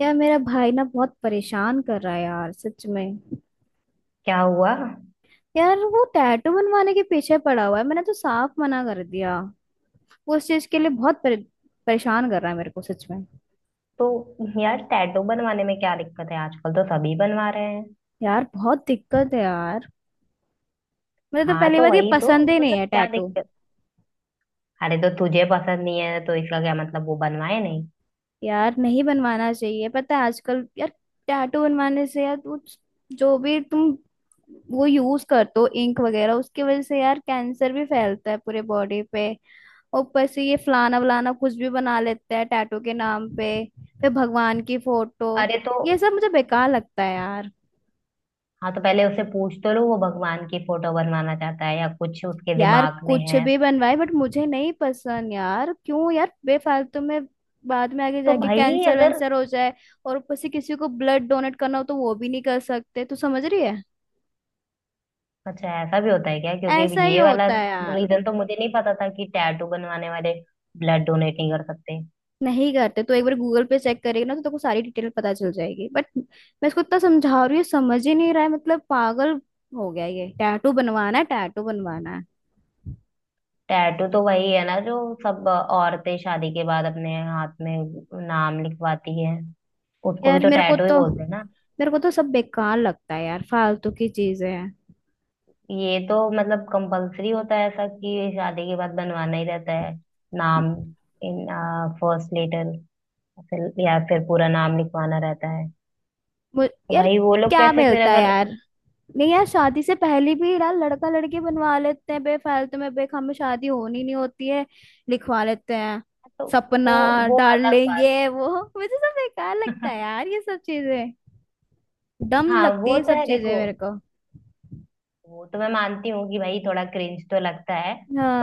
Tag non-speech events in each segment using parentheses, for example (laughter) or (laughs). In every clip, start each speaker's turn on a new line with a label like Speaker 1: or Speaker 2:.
Speaker 1: यार मेरा भाई ना बहुत परेशान कर रहा है यार सच में।
Speaker 2: क्या हुआ?
Speaker 1: यार वो टैटू बनवाने के पीछे पड़ा हुआ है, मैंने तो साफ मना कर दिया। वो उस चीज के लिए बहुत परेशान कर रहा है मेरे को सच में।
Speaker 2: तो यार, टैटू बनवाने में क्या दिक्कत है? आजकल तो सभी बनवा रहे हैं।
Speaker 1: यार बहुत दिक्कत है यार, मुझे तो
Speaker 2: हाँ,
Speaker 1: पहली
Speaker 2: तो
Speaker 1: बात ये
Speaker 2: वही तो,
Speaker 1: पसंद ही नहीं
Speaker 2: मतलब
Speaker 1: है
Speaker 2: क्या
Speaker 1: टैटू।
Speaker 2: दिक्कत? अरे तो तुझे पसंद नहीं है, तो इसका क्या मतलब वो बनवाए नहीं?
Speaker 1: यार नहीं बनवाना चाहिए, पता है आजकल यार टैटू बनवाने से यार वो, जो भी तुम वो यूज करते हो इंक वगैरह उसकी वजह से यार कैंसर भी फैलता है पूरे बॉडी पे। ऊपर से ये फलाना वलाना कुछ भी बना लेते हैं टैटू के नाम पे, फिर भगवान की फोटो।
Speaker 2: अरे तो।
Speaker 1: ये सब मुझे बेकार लगता है यार।
Speaker 2: हाँ, तो पहले उसे पूछ तो लो, वो भगवान की फोटो बनवाना चाहता है या कुछ उसके
Speaker 1: यार
Speaker 2: दिमाग में
Speaker 1: कुछ
Speaker 2: है।
Speaker 1: भी बनवाए बट मुझे नहीं पसंद यार, क्यों यार बेफालतू में बाद में आगे
Speaker 2: तो
Speaker 1: जाके
Speaker 2: भाई
Speaker 1: कैंसर
Speaker 2: अगर।
Speaker 1: वैंसर हो जाए। और ऊपर से किसी को ब्लड डोनेट करना हो तो वो भी नहीं कर सकते, तू समझ रही है।
Speaker 2: अच्छा, ऐसा भी होता है क्या? क्योंकि
Speaker 1: ऐसा ही
Speaker 2: ये वाला
Speaker 1: होता है यार।
Speaker 2: रीजन तो मुझे नहीं पता था कि टैटू बनवाने वाले ब्लड डोनेट नहीं कर सकते।
Speaker 1: नहीं करते, तो एक बार गूगल पे चेक करेगा ना तो तेको सारी डिटेल पता चल जाएगी। बट मैं इसको इतना समझा रही हूँ, समझ ही नहीं रहा है, मतलब पागल हो गया, ये टैटू बनवाना है टैटू बनवाना है।
Speaker 2: टैटू तो वही है ना जो सब औरतें शादी के बाद अपने हाथ में नाम लिखवाती है, उसको भी
Speaker 1: यार
Speaker 2: तो
Speaker 1: मेरे को
Speaker 2: टैटू ही
Speaker 1: तो
Speaker 2: बोलते हैं ना?
Speaker 1: मेरे को तो सब बेकार लगता है यार, फालतू की चीजें हैं।
Speaker 2: ये तो मतलब कंपलसरी होता है ऐसा कि शादी के बाद बनवाना ही रहता है, नाम इन फर्स्ट लेटर, फिर या फिर पूरा नाम लिखवाना रहता है। तो
Speaker 1: यार
Speaker 2: भाई वो लोग
Speaker 1: क्या
Speaker 2: कैसे फिर
Speaker 1: मिलता है
Speaker 2: अगर।
Speaker 1: यार। नहीं यार, शादी से पहले भी यार लड़का लड़की बनवा लेते हैं बेफालतू में, बेख हमें शादी होनी नहीं होती है लिखवा लेते हैं,
Speaker 2: तो
Speaker 1: सपना
Speaker 2: वो वो
Speaker 1: डाल
Speaker 2: अलग बात।
Speaker 1: लेंगे वो। मुझे सब बेकार लगता है
Speaker 2: (laughs)
Speaker 1: यार, ये सब चीजें डम
Speaker 2: हाँ,
Speaker 1: लगती
Speaker 2: वो
Speaker 1: है
Speaker 2: तो
Speaker 1: सब
Speaker 2: है
Speaker 1: चीजें
Speaker 2: देखो।
Speaker 1: मेरे को।
Speaker 2: वो तो मैं मानती हूँ कि भाई थोड़ा क्रिंज तो लगता है,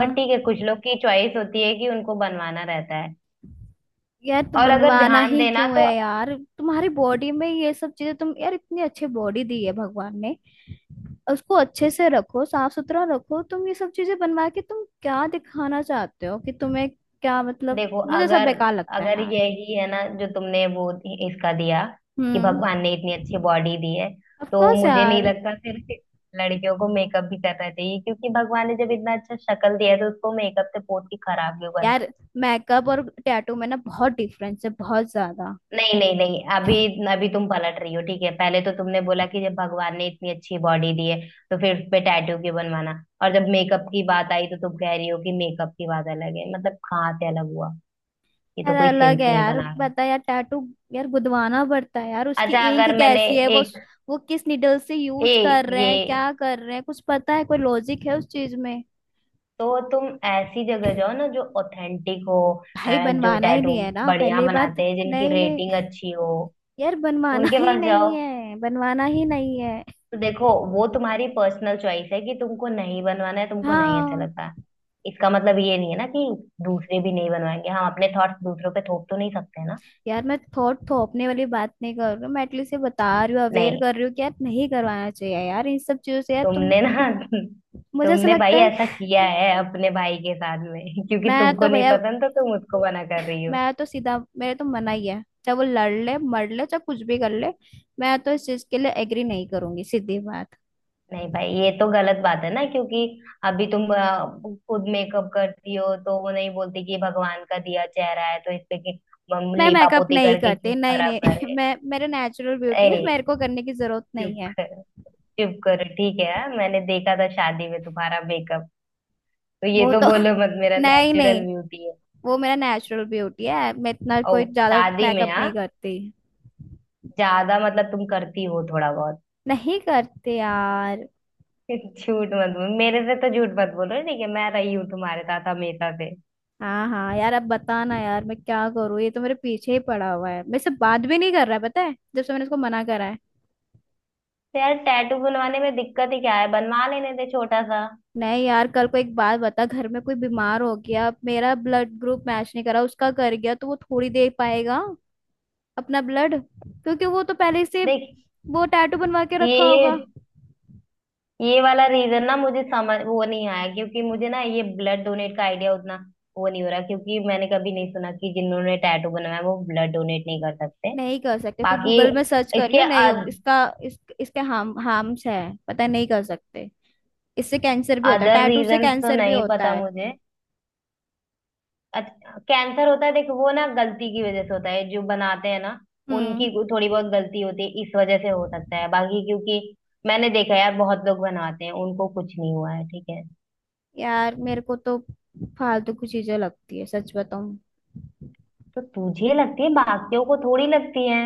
Speaker 2: बट ठीक है, कुछ लोग की चॉइस होती है कि उनको बनवाना रहता है।
Speaker 1: यार तो
Speaker 2: और अगर
Speaker 1: बनवाना
Speaker 2: ध्यान
Speaker 1: ही
Speaker 2: देना
Speaker 1: क्यों है
Speaker 2: तो।
Speaker 1: यार तुम्हारी बॉडी में ये सब चीजें, तुम यार इतनी अच्छी बॉडी दी है भगवान ने, उसको अच्छे से रखो, साफ सुथरा रखो। तुम ये सब चीजें बनवा के तुम क्या दिखाना चाहते हो, कि तुम्हें क्या मतलब।
Speaker 2: देखो
Speaker 1: मुझे सब
Speaker 2: अगर।
Speaker 1: बेकार लगता है
Speaker 2: अगर
Speaker 1: यार।
Speaker 2: यही है ना जो तुमने वो इसका दिया कि
Speaker 1: हम्म।
Speaker 2: भगवान ने इतनी अच्छी बॉडी दी है,
Speaker 1: ऑफ
Speaker 2: तो
Speaker 1: कोर्स
Speaker 2: मुझे नहीं
Speaker 1: यार।
Speaker 2: लगता सिर्फ लड़कियों को मेकअप भी करना चाहिए, क्योंकि भगवान ने जब इतना अच्छा शक्ल दिया है तो उसको मेकअप से पोत के खराब क्यों करना।
Speaker 1: यार मेकअप और टैटू में ना बहुत डिफरेंस है, बहुत ज्यादा।
Speaker 2: नहीं नहीं नहीं, अभी अभी तुम पलट रही हो। ठीक है, पहले तो तुमने बोला कि जब भगवान ने इतनी अच्छी बॉडी दी है तो फिर उस पे टैटू क्यों बनवाना, और जब मेकअप की बात आई तो तुम कह रही हो कि मेकअप की बात अलग है, मतलब कहाँ से अलग हुआ? ये तो
Speaker 1: यार
Speaker 2: कोई
Speaker 1: अलग
Speaker 2: सेंस
Speaker 1: है
Speaker 2: नहीं
Speaker 1: यार,
Speaker 2: बना रहा है।
Speaker 1: पता है यार टैटू यार गुदवाना पड़ता है यार, उसकी
Speaker 2: अच्छा,
Speaker 1: इंक
Speaker 2: अगर मैंने
Speaker 1: कैसी है वो
Speaker 2: एक
Speaker 1: वो किस निडल से
Speaker 2: ए
Speaker 1: यूज कर रहे
Speaker 2: ये
Speaker 1: हैं, क्या कर रहे हैं, कुछ पता है, कोई लॉजिक है उस चीज में।
Speaker 2: तो तुम ऐसी जगह जाओ ना जो ऑथेंटिक हो, अ,
Speaker 1: भाई
Speaker 2: जो
Speaker 1: बनवाना ही
Speaker 2: टैटू
Speaker 1: नहीं है ना
Speaker 2: बढ़िया
Speaker 1: पहली बात।
Speaker 2: बनाते हैं, जिनकी
Speaker 1: नहीं
Speaker 2: रेटिंग
Speaker 1: नहीं,
Speaker 2: अच्छी हो,
Speaker 1: यार बनवाना
Speaker 2: उनके
Speaker 1: ही
Speaker 2: पास जाओ।
Speaker 1: नहीं है, बनवाना ही नहीं है।
Speaker 2: तो देखो वो तुम्हारी पर्सनल चॉइस है कि तुमको नहीं बनवाना है, तुमको नहीं अच्छा
Speaker 1: हाँ।
Speaker 2: लगता। इसका मतलब ये नहीं है ना कि दूसरे भी नहीं बनवाएंगे। हम अपने थॉट्स दूसरों पे थोप तो नहीं सकते ना।
Speaker 1: यार मैं थोट थोपने वाली बात नहीं कर रही हूँ, मैं एटलीस्ट ये बता रही हूँ, अवेयर
Speaker 2: नहीं,
Speaker 1: कर रही हूँ कि यार नहीं करवाना चाहिए यार, इन सब चीजों से यार तुम,
Speaker 2: तुमने ना। (laughs)
Speaker 1: मुझे ऐसा
Speaker 2: तुमने भाई
Speaker 1: लगता है।
Speaker 2: ऐसा किया है अपने भाई के साथ में (laughs) क्योंकि
Speaker 1: मैं तो
Speaker 2: तुमको नहीं
Speaker 1: भैया,
Speaker 2: पसंद तो तुम उसको मना कर रही हो।
Speaker 1: मैं तो सीधा, मेरे तो मना ही है, चाहे वो लड़ ले मर ले चाहे कुछ भी कर ले, मैं तो इस चीज के लिए एग्री नहीं करूंगी, सीधी बात।
Speaker 2: नहीं भाई, ये तो गलत बात है ना, क्योंकि अभी तुम खुद मेकअप करती हो, तो वो नहीं बोलती कि भगवान का दिया चेहरा है तो इस पे हम
Speaker 1: मैं मेकअप
Speaker 2: लीपापोती
Speaker 1: नहीं
Speaker 2: करके
Speaker 1: करती,
Speaker 2: क्यों
Speaker 1: नहीं
Speaker 2: खराब
Speaker 1: नहीं (laughs)
Speaker 2: करे।
Speaker 1: मैं मेरा नेचुरल ब्यूटी
Speaker 2: ए,
Speaker 1: है, मेरे को करने की जरूरत
Speaker 2: चुप
Speaker 1: नहीं है।
Speaker 2: करो, चुप करो, ठीक है हाँ? मैंने देखा था शादी में तुम्हारा मेकअप, तो ये
Speaker 1: वो
Speaker 2: तो
Speaker 1: तो
Speaker 2: बोलो मत मेरा
Speaker 1: (laughs) नहीं नहीं,
Speaker 2: नेचुरल ब्यूटी है।
Speaker 1: वो मेरा नेचुरल ब्यूटी है, मैं इतना कोई
Speaker 2: और
Speaker 1: ज्यादा
Speaker 2: शादी में,
Speaker 1: मेकअप
Speaker 2: हाँ,
Speaker 1: नहीं करती।
Speaker 2: ज्यादा मतलब तुम करती हो थोड़ा बहुत।
Speaker 1: नहीं करते यार।
Speaker 2: (laughs) झूठ मत बोलो, मेरे से तो झूठ मत बोलो, ठीक है? मैं रही हूँ तुम्हारे साथ हमेशा से।
Speaker 1: हाँ हाँ यार, अब बताना यार मैं क्या करूँ, ये तो मेरे पीछे ही पड़ा हुआ है, मेरे से बात भी नहीं कर रहा है, पता है, जब से मैंने उसको मना करा है।
Speaker 2: तो यार, टैटू बनवाने में दिक्कत ही क्या है? बनवा लेने दे छोटा सा।
Speaker 1: नहीं यार, कल को एक बात बता, घर में कोई बीमार हो गया, मेरा ब्लड ग्रुप मैच नहीं करा, उसका कर गया तो वो थोड़ी दे पाएगा अपना ब्लड, क्योंकि वो तो पहले से
Speaker 2: देख,
Speaker 1: वो टैटू बनवा के रखा होगा।
Speaker 2: ये ये वाला रीजन ना मुझे समझ वो नहीं आया, क्योंकि मुझे ना ये ब्लड डोनेट का आइडिया उतना वो नहीं हो रहा, क्योंकि मैंने कभी नहीं सुना कि जिन्होंने टैटू बनवाया वो ब्लड डोनेट नहीं कर सकते।
Speaker 1: नहीं कर सकते, तू
Speaker 2: बाकी
Speaker 1: गूगल में सर्च
Speaker 2: इसके
Speaker 1: करियो, नहीं हो इसका। इसके हार्म्स है पता है, नहीं कर सकते। इससे कैंसर भी होता है,
Speaker 2: अदर
Speaker 1: टैटू से
Speaker 2: रीजन तो
Speaker 1: कैंसर भी
Speaker 2: नहीं
Speaker 1: होता
Speaker 2: पता
Speaker 1: है।
Speaker 2: मुझे। अच्छा, कैंसर होता है, देखो वो ना गलती की वजह से होता है जो बनाते हैं ना,
Speaker 1: हम्म।
Speaker 2: उनकी थोड़ी बहुत गलती होती है, इस वजह से हो सकता है, बाकी क्योंकि मैंने देखा है यार बहुत लोग बनाते हैं उनको कुछ नहीं हुआ है ठीक है।
Speaker 1: यार मेरे को तो फालतू की चीजें लगती है, सच बताऊं।
Speaker 2: तो तुझे लगती है, बाकियों को थोड़ी लगती है।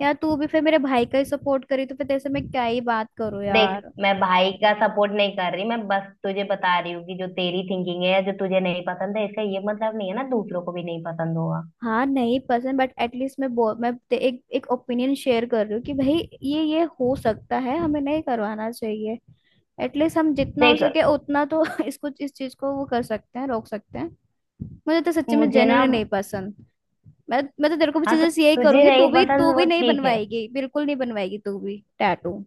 Speaker 1: यार तू भी फिर मेरे भाई का ही सपोर्ट करी, तो फिर तेरे से मैं क्या ही बात करूं
Speaker 2: देख,
Speaker 1: यार।
Speaker 2: मैं भाई का सपोर्ट नहीं कर रही, मैं बस तुझे बता रही हूँ कि जो तेरी थिंकिंग है, जो तुझे नहीं पसंद है, इसका ये मतलब नहीं है ना दूसरों को भी नहीं पसंद होगा।
Speaker 1: हाँ नहीं पसंद, बट एटलीस्ट मैं बो एक एक ओपिनियन शेयर कर रही हूँ कि भाई ये हो सकता है, हमें नहीं करवाना चाहिए। एटलीस्ट हम जितना हो
Speaker 2: देख,
Speaker 1: सके उतना तो (laughs) इसको इस चीज को वो कर सकते हैं, रोक सकते हैं। मुझे तो सच्ची में
Speaker 2: मुझे ना,
Speaker 1: जेन्युइनली नहीं पसंद। मैं तो तेरे को भी
Speaker 2: हाँ, तो
Speaker 1: सजेस्ट यही
Speaker 2: तुझे
Speaker 1: करूंगी, तू
Speaker 2: नहीं
Speaker 1: भी तू
Speaker 2: पसंद वो
Speaker 1: भी नहीं
Speaker 2: ठीक है।
Speaker 1: बनवाएगी, बिल्कुल नहीं बनवाएगी तू भी टैटू।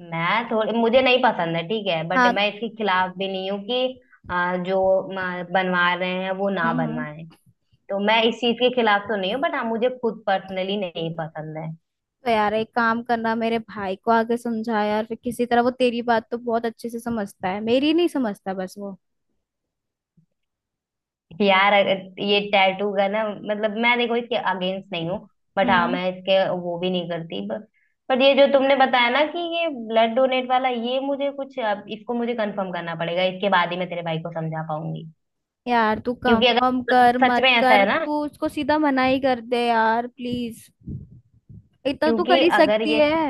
Speaker 2: मैं थोड़ी, मुझे नहीं पसंद है, ठीक है, बट
Speaker 1: हाँ।
Speaker 2: मैं इसके खिलाफ भी नहीं हूँ कि जो बनवा रहे हैं वो ना
Speaker 1: हम्म
Speaker 2: बनवाएं।
Speaker 1: हम्म।
Speaker 2: तो मैं इस चीज के खिलाफ तो नहीं हूँ, बट हाँ, मुझे खुद पर्सनली नहीं पसंद है।
Speaker 1: तो यार एक काम करना, मेरे भाई को आगे समझा यार फिर किसी तरह, वो तेरी बात तो बहुत अच्छे से समझता है, मेरी नहीं समझता बस वो।
Speaker 2: यार, अगर ये टैटू का, ना मतलब मैं देखो इसके अगेंस्ट नहीं हूँ, बट हाँ
Speaker 1: हम्म।
Speaker 2: मैं इसके वो भी नहीं करती, बट पर ये जो तुमने बताया ना कि ये ब्लड डोनेट वाला, ये मुझे कुछ, अब इसको मुझे कंफर्म करना पड़ेगा, इसके बाद ही मैं तेरे भाई को समझा पाऊंगी।
Speaker 1: यार तू
Speaker 2: क्योंकि
Speaker 1: कंफर्म
Speaker 2: अगर
Speaker 1: कर
Speaker 2: सच
Speaker 1: मत
Speaker 2: में ऐसा
Speaker 1: कर,
Speaker 2: है ना,
Speaker 1: तू उसको सीधा मना ही कर दे यार प्लीज, इतना तू
Speaker 2: क्योंकि
Speaker 1: कर ही
Speaker 2: अगर
Speaker 1: सकती
Speaker 2: ये,
Speaker 1: है।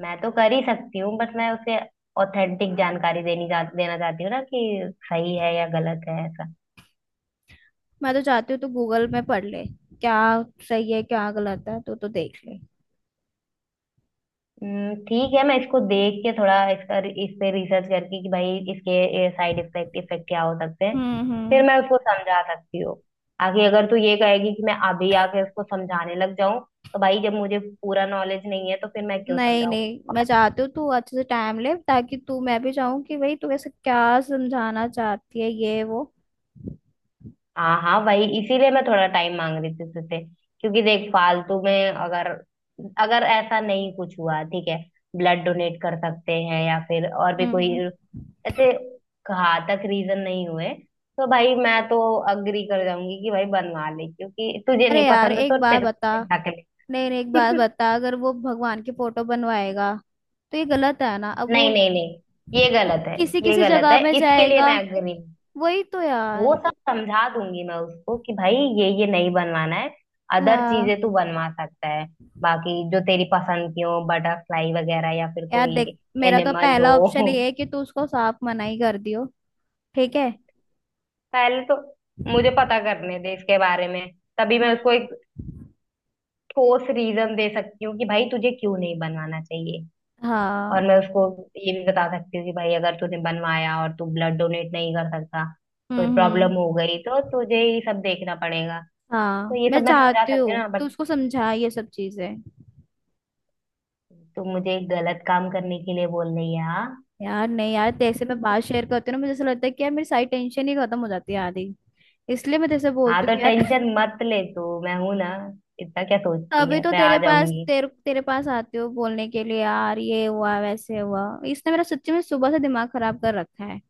Speaker 2: मैं तो कर ही सकती हूँ, बट मैं उसे ऑथेंटिक जानकारी देनी चाह देना चाहती हूँ ना कि सही है या गलत है ऐसा।
Speaker 1: मैं तो चाहती हूँ तू गूगल में पढ़ ले, क्या सही है क्या गलत है, तू तो देख ले।
Speaker 2: ठीक है, मैं इसको देख के थोड़ा इसका, इस पे रिसर्च करके कि भाई इसके साइड इफेक्ट इफेक्ट क्या हो सकते हैं, फिर
Speaker 1: हम्म।
Speaker 2: मैं उसको समझा सकती हूँ आगे। अगर तू ये कहेगी कि मैं अभी आके उसको समझाने लग जाऊं, तो भाई जब मुझे पूरा नॉलेज नहीं है तो फिर मैं क्यों
Speaker 1: नहीं
Speaker 2: समझाऊं?
Speaker 1: नहीं,
Speaker 2: और
Speaker 1: मैं चाहती हूँ तू अच्छे से टाइम ले, ताकि तू, मैं भी चाहूँ कि भाई तू ऐसे क्या समझाना चाहती है ये वो।
Speaker 2: हाँ हाँ, वही इसीलिए मैं थोड़ा टाइम मांग रही थी तुझसे, क्योंकि देख फालतू में अगर, अगर ऐसा नहीं कुछ हुआ, ठीक है, ब्लड डोनेट कर सकते हैं, या फिर और भी
Speaker 1: हम्म
Speaker 2: कोई
Speaker 1: हम्म।
Speaker 2: ऐसे घातक रीजन नहीं हुए, तो भाई मैं तो अग्री कर जाऊंगी कि भाई बनवा ले, क्योंकि तुझे
Speaker 1: अरे
Speaker 2: नहीं
Speaker 1: यार
Speaker 2: पसंद है तो
Speaker 1: एक बात
Speaker 2: तेरे
Speaker 1: बता,
Speaker 2: को हटा के
Speaker 1: नहीं नहीं एक बात
Speaker 2: ले। (laughs)
Speaker 1: बता, अगर वो भगवान की फोटो बनवाएगा तो ये गलत है ना। अब वो
Speaker 2: नहीं नहीं नहीं, ये
Speaker 1: वो
Speaker 2: गलत है,
Speaker 1: किसी
Speaker 2: ये
Speaker 1: किसी
Speaker 2: गलत
Speaker 1: जगह
Speaker 2: है,
Speaker 1: में
Speaker 2: इसके लिए
Speaker 1: जाएगा।
Speaker 2: मैं अग्री हूँ।
Speaker 1: वही तो
Speaker 2: वो
Speaker 1: यार।
Speaker 2: सब समझा दूंगी मैं उसको कि भाई ये नहीं बनवाना है। अदर
Speaker 1: हाँ।
Speaker 2: चीजें तू बनवा सकता है, बाकी जो तेरी पसंद की हो, बटरफ्लाई वगैरह, या फिर
Speaker 1: यार
Speaker 2: कोई
Speaker 1: देख, मेरा तो
Speaker 2: एनिमल हो।
Speaker 1: पहला ऑप्शन
Speaker 2: (laughs)
Speaker 1: ये है कि तू उसको साफ मना ही कर दियो। ठीक है।
Speaker 2: पहले तो मुझे पता करने दे इसके बारे में, तभी मैं
Speaker 1: हम्म।
Speaker 2: उसको एक कोस रीज़न दे सकती हूँ कि भाई तुझे क्यों नहीं बनवाना चाहिए।
Speaker 1: हाँ।
Speaker 2: और मैं उसको ये भी बता सकती हूँ कि भाई अगर तूने बनवाया और तू ब्लड डोनेट नहीं कर सका, कोई
Speaker 1: हम्म।
Speaker 2: प्रॉब्लम हो गई, तो तुझे ही सब देखना पड़ेगा। तो
Speaker 1: हाँ
Speaker 2: ये
Speaker 1: मैं
Speaker 2: सब मैं समझा
Speaker 1: चाहती
Speaker 2: सकती हूँ
Speaker 1: हूँ
Speaker 2: ना,
Speaker 1: तू
Speaker 2: बट
Speaker 1: उसको समझा ये सब चीजें।
Speaker 2: तू मुझे गलत काम करने के लिए बोल नहीं यार, हाँ।
Speaker 1: यार नहीं यार, तेरे से मैं बात शेयर करती हूँ ना, मुझे ऐसा लगता है कि यार मेरी सारी टेंशन ही खत्म हो जाती है आधी, इसलिए मैं तेरे से
Speaker 2: हाँ,
Speaker 1: बोलती हूँ कि यार (laughs) तभी तो तेरे पास, तेरे तेरे पास आती हूँ बोलने के लिए यार, ये हुआ वैसे हुआ, इसने मेरा सच्ची में सुबह से दिमाग खराब कर रखा है।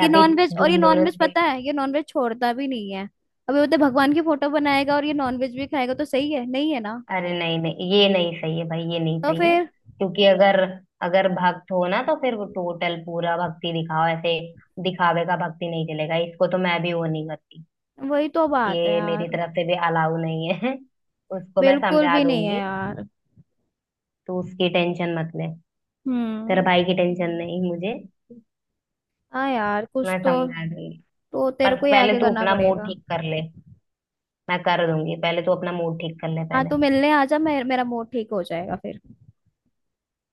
Speaker 1: ये नॉनवेज, और ये नॉनवेज
Speaker 2: ट
Speaker 1: पता है, ये नॉनवेज छोड़ता भी नहीं है। अभी बोलते भगवान की फोटो बनाएगा, और ये नॉनवेज भी खाएगा, तो सही है नहीं है ना।
Speaker 2: अरे नहीं नहीं, ये नहीं सही है भाई, ये नहीं
Speaker 1: तो
Speaker 2: सही है,
Speaker 1: फिर
Speaker 2: क्योंकि अगर अगर भक्त हो ना तो फिर वो टोटल पूरा भक्ति दिखाओ। ऐसे दिखावे का भक्ति नहीं चलेगा, इसको तो मैं भी वो नहीं करती।
Speaker 1: वही तो बात है
Speaker 2: ये मेरी
Speaker 1: यार,
Speaker 2: तरफ से भी अलाउ नहीं है। (laughs) उसको मैं
Speaker 1: बिल्कुल
Speaker 2: समझा
Speaker 1: भी नहीं है
Speaker 2: दूंगी,
Speaker 1: यार।
Speaker 2: तू उसकी टेंशन मत ले। तेरे
Speaker 1: हम्म।
Speaker 2: भाई की टेंशन नहीं मुझे,
Speaker 1: हाँ यार कुछ
Speaker 2: मैं
Speaker 1: तो
Speaker 2: समझा दूंगी।
Speaker 1: तो तेरे
Speaker 2: पर
Speaker 1: को ही
Speaker 2: पहले
Speaker 1: आगे
Speaker 2: तू
Speaker 1: करना
Speaker 2: अपना मूड
Speaker 1: पड़ेगा।
Speaker 2: ठीक कर ले। मैं कर दूंगी, पहले तू अपना मूड ठीक कर ले
Speaker 1: हाँ तू
Speaker 2: पहले।
Speaker 1: मिलने आ जा, मेरा मूड ठीक हो जाएगा फिर।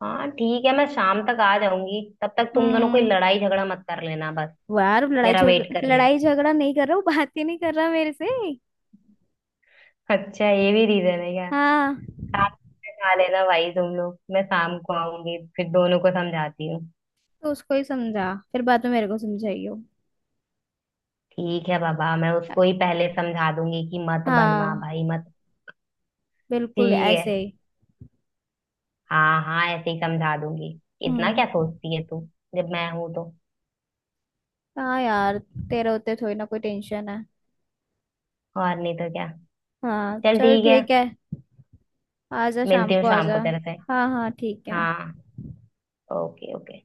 Speaker 2: हाँ, ठीक है, मैं शाम तक आ जाऊंगी, तब तक तुम दोनों कोई
Speaker 1: हम्म।
Speaker 2: लड़ाई झगड़ा मत कर लेना बस।
Speaker 1: वो यार
Speaker 2: मेरा वेट कर लेना।
Speaker 1: लड़ाई झगड़ा नहीं कर रहा, वो बात ही नहीं कर रहा मेरे से।
Speaker 2: अच्छा, ये भी रीजन है क्या?
Speaker 1: हाँ।
Speaker 2: शाम में खा लेना भाई तुम लोग, मैं शाम को आऊंगी, फिर दोनों को समझाती हूँ।
Speaker 1: तो उसको ही समझा, फिर बाद में मेरे को समझाइयो।
Speaker 2: ठीक है बाबा, मैं उसको ही पहले समझा दूंगी कि मत बनवा
Speaker 1: हाँ
Speaker 2: भाई मत।
Speaker 1: बिल्कुल
Speaker 2: ठीक है,
Speaker 1: ऐसे ही।
Speaker 2: हाँ हाँ, ऐसे ही समझा दूंगी। इतना
Speaker 1: हम्म।
Speaker 2: क्या सोचती है तू जब मैं हूं तो।
Speaker 1: हाँ यार तेरे होते थोड़ी ना कोई टेंशन है।
Speaker 2: और नहीं तो क्या।
Speaker 1: हाँ
Speaker 2: चल
Speaker 1: चल
Speaker 2: ठीक है।
Speaker 1: ठीक है। आजा
Speaker 2: मिलती
Speaker 1: शाम
Speaker 2: हूँ
Speaker 1: को
Speaker 2: शाम
Speaker 1: आजा।
Speaker 2: को तेरे से।
Speaker 1: हाँ हाँ ठीक है।
Speaker 2: हाँ, ओके ओके।